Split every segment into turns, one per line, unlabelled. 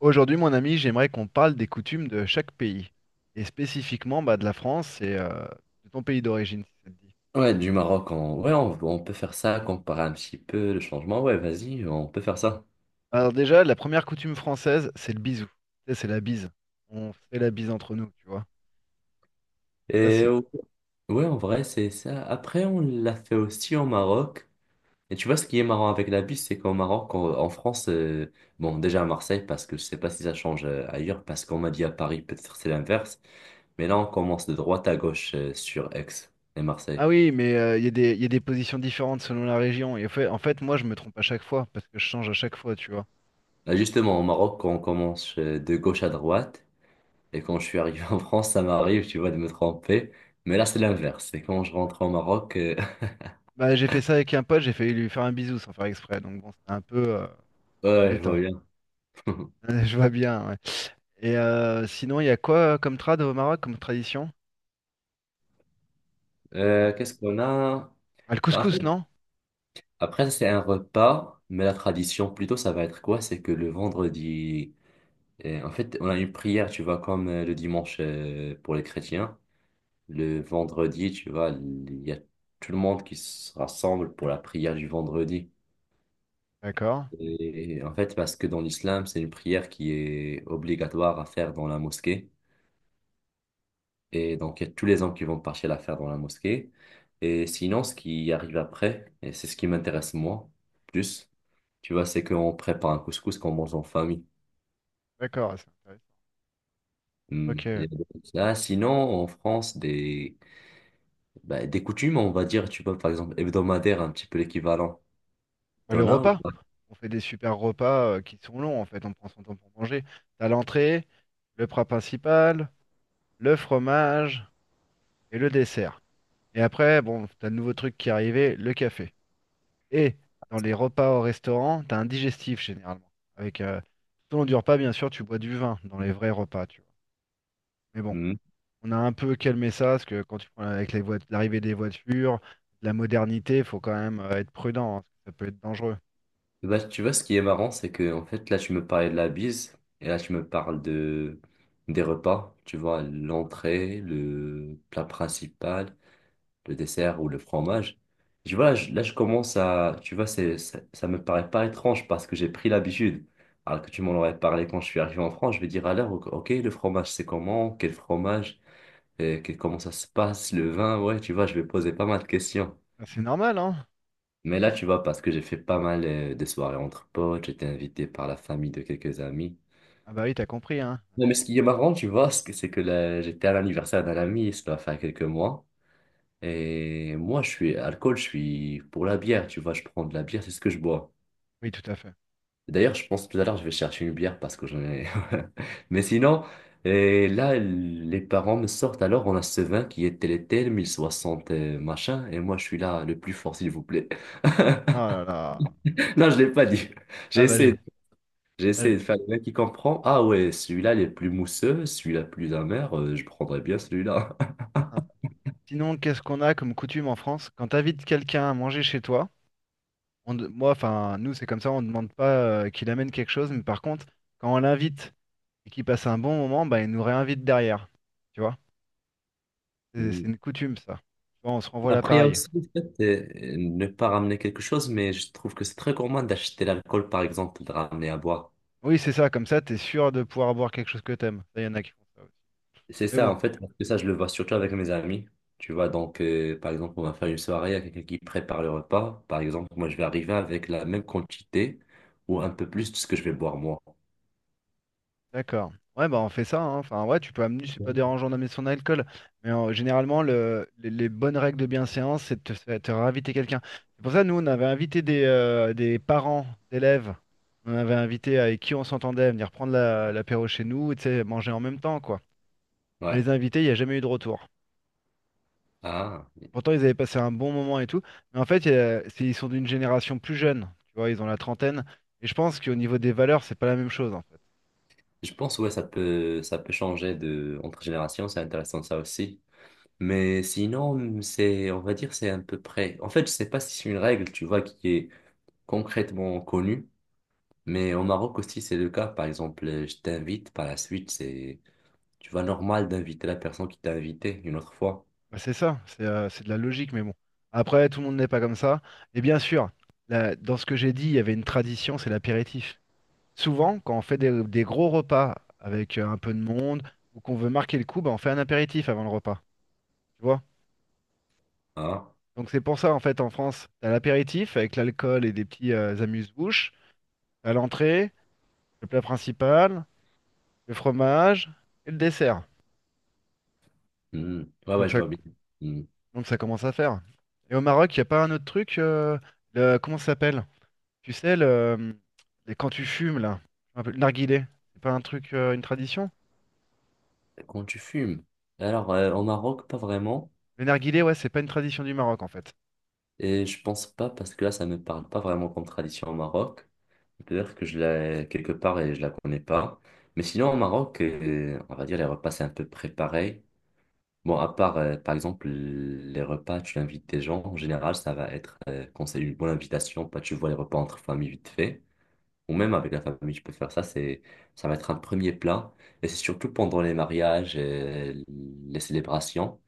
Aujourd'hui, mon ami, j'aimerais qu'on parle des coutumes de chaque pays, et spécifiquement bah, de la France et de ton pays d'origine, si ça te dit.
Ouais, du Maroc, on... Ouais, on peut faire ça, comparer un petit peu le changement. Ouais, vas-y, on peut faire ça.
Alors déjà, la première coutume française, c'est le bisou. Tu sais, c'est la bise. On fait la bise entre nous, tu vois. Ça,
Et
c'est...
euh, ouais, en vrai, c'est ça. Après, on l'a fait aussi au Maroc. Et tu vois, ce qui est marrant avec la bus, c'est qu'au Maroc, en France, bon, déjà à Marseille, parce que je sais pas si ça change ailleurs, parce qu'on m'a dit à Paris, peut-être c'est l'inverse. Mais là, on commence de droite à gauche sur Aix et
Ah
Marseille.
oui, mais il y a des, il y a des positions différentes selon la région. Et en fait, moi, je me trompe à chaque fois, parce que je change à chaque fois, tu vois.
Là, justement, au Maroc, on commence de gauche à droite. Et quand je suis arrivé en France, ça m'arrive, tu vois, de me tromper. Mais là, c'est l'inverse. Et quand je rentre au Maroc,
Bah, j'ai fait ça avec un pote, j'ai failli lui faire un bisou sans faire exprès, donc bon, c'était un peu
ouais, je vois
embêtant.
bien.
Je vois bien, ouais. Et sinon, il y a quoi comme trad au Maroc, comme tradition? Enfin,
Qu'est-ce qu'on a?
ah, le
Bah, en fait,
couscous, non?
après, ça, c'est un repas, mais la tradition, plutôt, ça va être quoi? C'est que le vendredi, en fait, on a une prière, tu vois, comme le dimanche pour les chrétiens. Le vendredi, tu vois, il y a tout le monde qui se rassemble pour la prière du vendredi.
D'accord,
Et en fait, parce que dans l'islam, c'est une prière qui est obligatoire à faire dans la mosquée. Et donc, il y a tous les hommes qui vont partir la faire dans la mosquée. Et sinon, ce qui arrive après, et c'est ce qui m'intéresse moi plus, tu vois, c'est qu'on prépare un couscous qu'on mange en famille.
d'accord, ah, c'est intéressant.
Hmm. Il y
Ok.
a des trucs comme ça. Sinon, en France, des, bah, des coutumes, on va dire, tu vois, par exemple, hebdomadaire, un petit peu l'équivalent.
Bah, le
T'en as ou
repas.
pas?
On fait des super repas qui sont longs, en fait. On prend son temps pour manger. T'as l'entrée, le plat principal, le fromage et le dessert. Et après, bon, t'as le nouveau truc qui est arrivé, le café. Et dans les repas au restaurant, t'as un digestif généralement. Avec, tout au long du repas, bien sûr, tu bois du vin dans les vrais repas, tu vois. Mais bon,
Hmm.
on a un peu calmé ça, parce que quand tu prends avec les l'arrivée des voitures, de la modernité, il faut quand même être prudent, hein, parce que ça peut être dangereux.
Bah, tu vois, ce qui est marrant, c'est que, en fait, là, tu me parlais de la bise, et là, tu me parles de, des repas, tu vois, l'entrée, le plat principal. Le dessert ou le fromage. Je vois, là, je commence à, tu vois, c'est, ça me paraît pas étrange parce que j'ai pris l'habitude. Alors que tu m'en aurais parlé quand je suis arrivé en France, je vais dire alors, ok, ok, le fromage, c'est comment? Quel fromage? Et comment ça se passe? Le vin? Ouais, tu vois, je vais poser pas mal de questions.
Ah, c'est normal, hein?
Mais là, tu vois, parce que j'ai fait pas mal de soirées entre potes, j'étais invité par la famille de quelques amis.
Ah bah oui, t'as compris, hein?
Non, mais ce
Maintenant.
qui est marrant, tu vois, c'est que là, j'étais à l'anniversaire d'un ami, ça va faire quelques mois. Et moi, je suis alcool, je suis pour la bière, tu vois, je prends de la bière, c'est ce que je bois.
Oui, tout à fait.
D'ailleurs, je pense tout à l'heure, je vais chercher une bière parce que j'en ai. Mais sinon, et là, les parents me sortent, alors on a ce vin qui est tel et tel, 1060 machin, et moi, je suis là, le plus fort, s'il vous plaît.
Oh là là.
Non, je l'ai pas dit. J'ai
Ah bah j'ai.
essayé, j'ai
ah,
essayé
j'ai-
de faire le vin qui comprend. Ah ouais, celui-là, il est plus mousseux, celui-là, plus amer, je prendrais bien celui-là.
Sinon, qu'est-ce qu'on a comme coutume en France? Quand t'invites quelqu'un à manger chez toi, moi, enfin, nous, c'est comme ça, on ne demande pas qu'il amène quelque chose, mais par contre, quand on l'invite et qu'il passe un bon moment, bah, il nous réinvite derrière. Tu vois? C'est une coutume, ça. Tu vois, on se renvoie
Après, il y a
l'appareil.
aussi le fait de ne pas ramener quelque chose, mais je trouve que c'est très gourmand d'acheter l'alcool, par exemple, de ramener à boire.
Oui, c'est ça, comme ça, t'es sûr de pouvoir boire quelque chose que t'aimes. Ça, y en a qui font ça aussi.
C'est
Mais
ça,
bon,
en fait, parce que ça, je le vois surtout avec mes amis. Tu vois, donc, par exemple, on va faire une soirée, il y a quelqu'un qui prépare le repas. Par exemple, moi, je vais arriver avec la même quantité ou un peu plus de ce que je vais boire moi.
d'accord. Ouais, bah on fait ça, hein. Enfin, ouais, tu peux amener, c'est pas
Ouais.
dérangeant d'amener son alcool. Mais généralement, les bonnes règles de bienséance, c'est de te réinviter quelqu'un. C'est pour ça, nous, on avait invité des parents d'élèves. On avait invité avec qui on s'entendait à venir prendre l'apéro chez nous et tu sais, manger en même temps, quoi. On
Ouais.
les a invités, il n'y a jamais eu de retour.
Ah,
Pourtant, ils avaient passé un bon moment et tout. Mais en fait, ils sont d'une génération plus jeune. Tu vois, ils ont la trentaine. Et je pense qu'au niveau des valeurs, c'est pas la même chose, en fait.
je pense, ouais, ça peut changer de, entre générations, c'est intéressant ça aussi. Mais sinon, c'est, on va dire, c'est à peu près. En fait, je sais pas si c'est une règle, tu vois, qui est concrètement connu, mais au Maroc aussi c'est le cas. Par exemple, je t'invite, par la suite, c'est, tu vois, normal d'inviter la personne qui t'a invité une autre fois.
Bah, c'est ça, c'est de la logique, mais bon. Après, tout le monde n'est pas comme ça. Et bien sûr, dans ce que j'ai dit, il y avait une tradition, c'est l'apéritif. Souvent, quand on fait des gros repas avec un peu de monde ou qu'on veut marquer le coup, bah, on fait un apéritif avant le repas. Tu vois?
Hein?
Donc c'est pour ça, en fait, en France, t'as l'apéritif avec l'alcool et des petits amuse-bouches. T'as l'entrée, le plat principal. Le fromage et le dessert.
Hmm. Ouais, ouais,
Donc
je
ça,
vois bien. Hmm.
donc ça commence à faire. Et au Maroc, il n'y a pas un autre truc comment ça s'appelle? Tu sais, le, quand tu fumes, là, un peu, le narguilé, c'est pas un truc, une tradition?
Quand tu fumes. Alors, au Maroc, pas vraiment.
Le narguilé, ouais, c'est pas une tradition du Maroc, en fait.
Et je pense pas, parce que là, ça me parle pas vraiment comme tradition au Maroc. Peut-être que je l'ai quelque part et je la connais pas. Mais sinon, au Maroc, on va dire, les repas, c'est un peu préparé. Bon, à part, par exemple, les repas, tu invites des gens, en général, ça va être, quand c'est une bonne invitation, pas tu vois les repas entre famille vite fait, ou même avec la famille, tu peux faire ça, c'est, ça va être un premier plat, et c'est surtout pendant les mariages et les célébrations,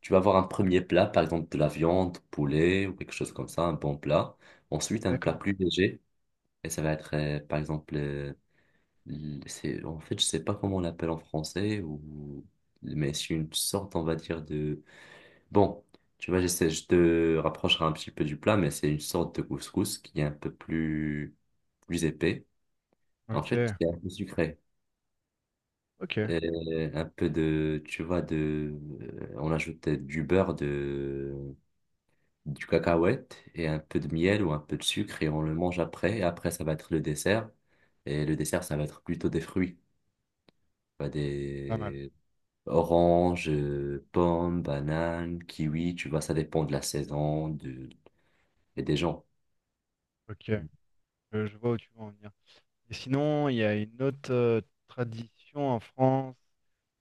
tu vas avoir un premier plat, par exemple de la viande, poulet, ou quelque chose comme ça, un bon plat, ensuite un plat
D'accord.
plus léger, et ça va être, par exemple, c'est, en fait, je sais pas comment on l'appelle en français, ou, mais c'est une sorte, on va dire, de bon, tu vois, j'essaie, je te rapprocherai un petit peu du plat, mais c'est une sorte de couscous qui est un peu plus, plus épais. En fait,
Ok,
c'est un peu sucré.
ok,
Un peu de, tu vois, de, on ajoute du beurre, de, du cacahuète et un peu de miel ou un peu de sucre et on le mange après. Et après, ça va être le dessert. Et le dessert, ça va être plutôt des fruits. Pas.
pas mal.
Des oranges, pommes, bananes, kiwis, tu vois, ça dépend de la saison de, et des gens.
Ok, je vois où tu veux en venir. Et sinon, il y a une autre tradition en France.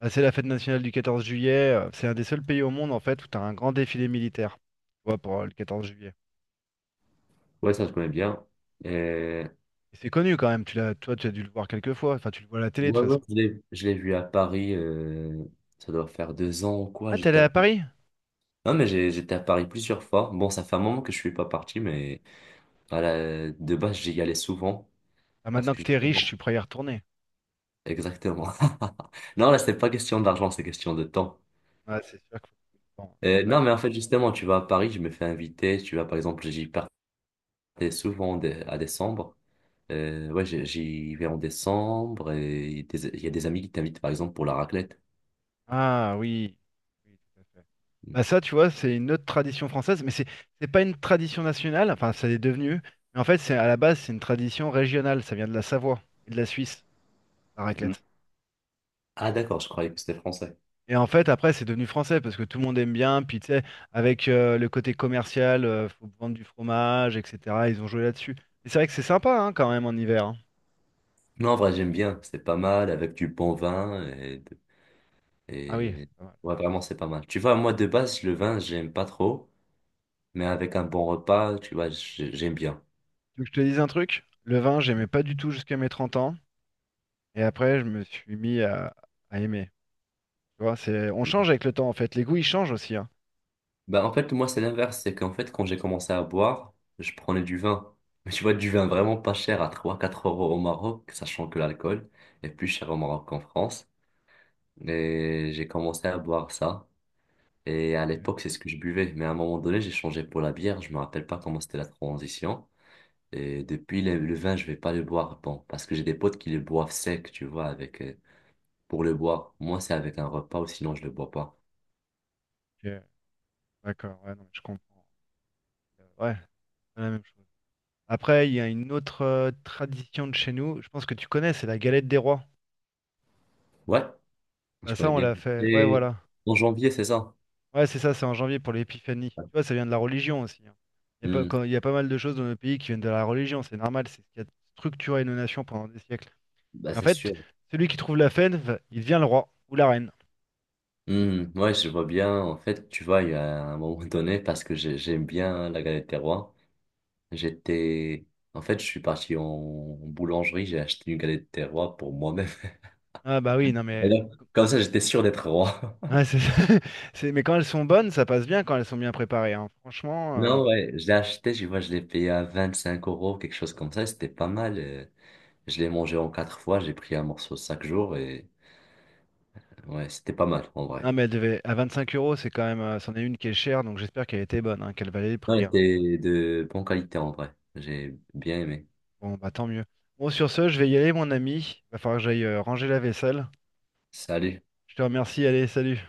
Bah, c'est la fête nationale du 14 juillet. C'est un des seuls pays au monde, en fait, où tu as un grand défilé militaire. Tu vois, pour le 14 juillet.
Ouais, ça, je connais bien. Euh,
Et c'est connu quand même, tu l'as, toi tu as dû le voir quelques fois, enfin tu le vois à la télé de
ouais,
toute
ouais,
façon.
je l'ai je l'ai vu à Paris, ça doit faire 2 ans ou quoi,
Ah, t'es allé
j'étais à
à
Paris.
Paris?
Non, mais j'étais à Paris plusieurs fois. Bon, ça fait un moment que je suis pas parti, mais voilà, de base, j'y allais souvent,
Ah,
parce
maintenant
que
que t'es riche,
justement,
tu pourras y retourner.
exactement. Non, là, c'est pas question d'argent, c'est question de temps.
Ah, c'est sûr qu'il faut... bon,
Euh,
c'est vrai,
non,
hein.
mais en fait, justement, tu vas à Paris, je me fais inviter, tu vas, par exemple, j'y partais souvent à décembre. Ouais, j'y vais en décembre, et il y a des amis qui t'invitent, par exemple, pour la raclette.
Ah oui, oui, tout à fait. Bah ça, tu vois, c'est une autre tradition française, mais c'est pas une tradition nationale, enfin ça l'est devenu, mais en fait c'est à la base c'est une tradition régionale, ça vient de la Savoie et de la Suisse, la raclette.
Ah d'accord, je croyais que c'était français.
Et en fait, après, c'est devenu français parce que tout le monde aime bien. Puis, tu sais, avec le côté commercial, faut vendre du fromage, etc. Ils ont joué là-dessus. Et c'est vrai que c'est sympa hein, quand même en hiver, hein.
Non, en vrai, j'aime bien. C'est pas mal avec du bon vin et,
Ah oui,
et...
c'est pas mal.
Ouais, vraiment, c'est pas mal. Tu vois, moi, de base, le vin, j'aime pas trop, mais avec un bon repas, tu vois, j'aime bien.
Tu veux que je te dise un truc? Le vin, j'aimais pas du tout jusqu'à mes 30 ans. Et après, je me suis mis à aimer. Tu vois, c'est... On change avec le temps, en fait. Les goûts, ils changent aussi, hein.
Bah, en fait, moi, c'est l'inverse. C'est qu'en fait, quand j'ai commencé à boire, je prenais du vin. Mais tu vois, du vin vraiment pas cher à 3 4 € au Maroc, sachant que l'alcool est plus cher au Maroc qu'en France. Et j'ai commencé à boire ça. Et à
Ok,
l'époque, c'est ce que je buvais. Mais à un moment donné, j'ai changé pour la bière. Je me rappelle pas comment c'était la transition. Et depuis le vin, je vais pas le boire. Bon, parce que j'ai des potes qui le boivent sec, tu vois, avec pour le boire. Moi, c'est avec un repas ou sinon je le bois pas.
ok, d'accord, ouais, non, mais je comprends. Ouais, c'est pas la même chose. Après, il y a une autre tradition de chez nous. Je pense que tu connais, c'est la galette des rois.
Ouais,
Bah
je
ça,
connais
on
bien.
l'a fait. Ouais,
Et
voilà.
en janvier, c'est ça.
Ouais, c'est ça, c'est en janvier pour l'épiphanie. Tu vois, ça vient de la religion aussi, hein. Il y a pas,
Hmm,
il y a pas mal de choses dans nos pays qui viennent de la religion, c'est normal, c'est ce qui a structuré nos nations pendant des siècles.
Bah,
Et en
c'est
fait,
sûr.
celui qui trouve la fève, il devient le roi ou la reine.
Ouais, je vois bien. En fait, tu vois, il y a un moment donné, parce que j'aime bien la galette des rois. J'étais. En fait, je suis parti en boulangerie, j'ai acheté une galette des rois pour moi-même.
Ah bah oui, non
Et
mais...
donc, comme ça, j'étais sûr d'être roi.
ouais, mais quand elles sont bonnes, ça passe bien quand elles sont bien préparées, hein. Franchement,
Non, ouais, je l'ai acheté, je vois, je l'ai payé à 25 euros, quelque chose comme ça, et c'était pas mal. Je l'ai mangé en quatre fois, j'ai pris un morceau chaque jour, et ouais, c'était pas mal, en
non
vrai.
mais elle devait... à 25 euros, c'est quand même... c'en est une qui est chère, donc j'espère qu'elle était bonne, hein, qu'elle valait le
Ouais,
prix, hein.
c'était de bonne qualité, en vrai. J'ai bien aimé.
Bon, bah tant mieux. Bon, sur ce, je vais y aller, mon ami. Va falloir que j'aille ranger la vaisselle.
Salut.
Je te remercie, allez, salut.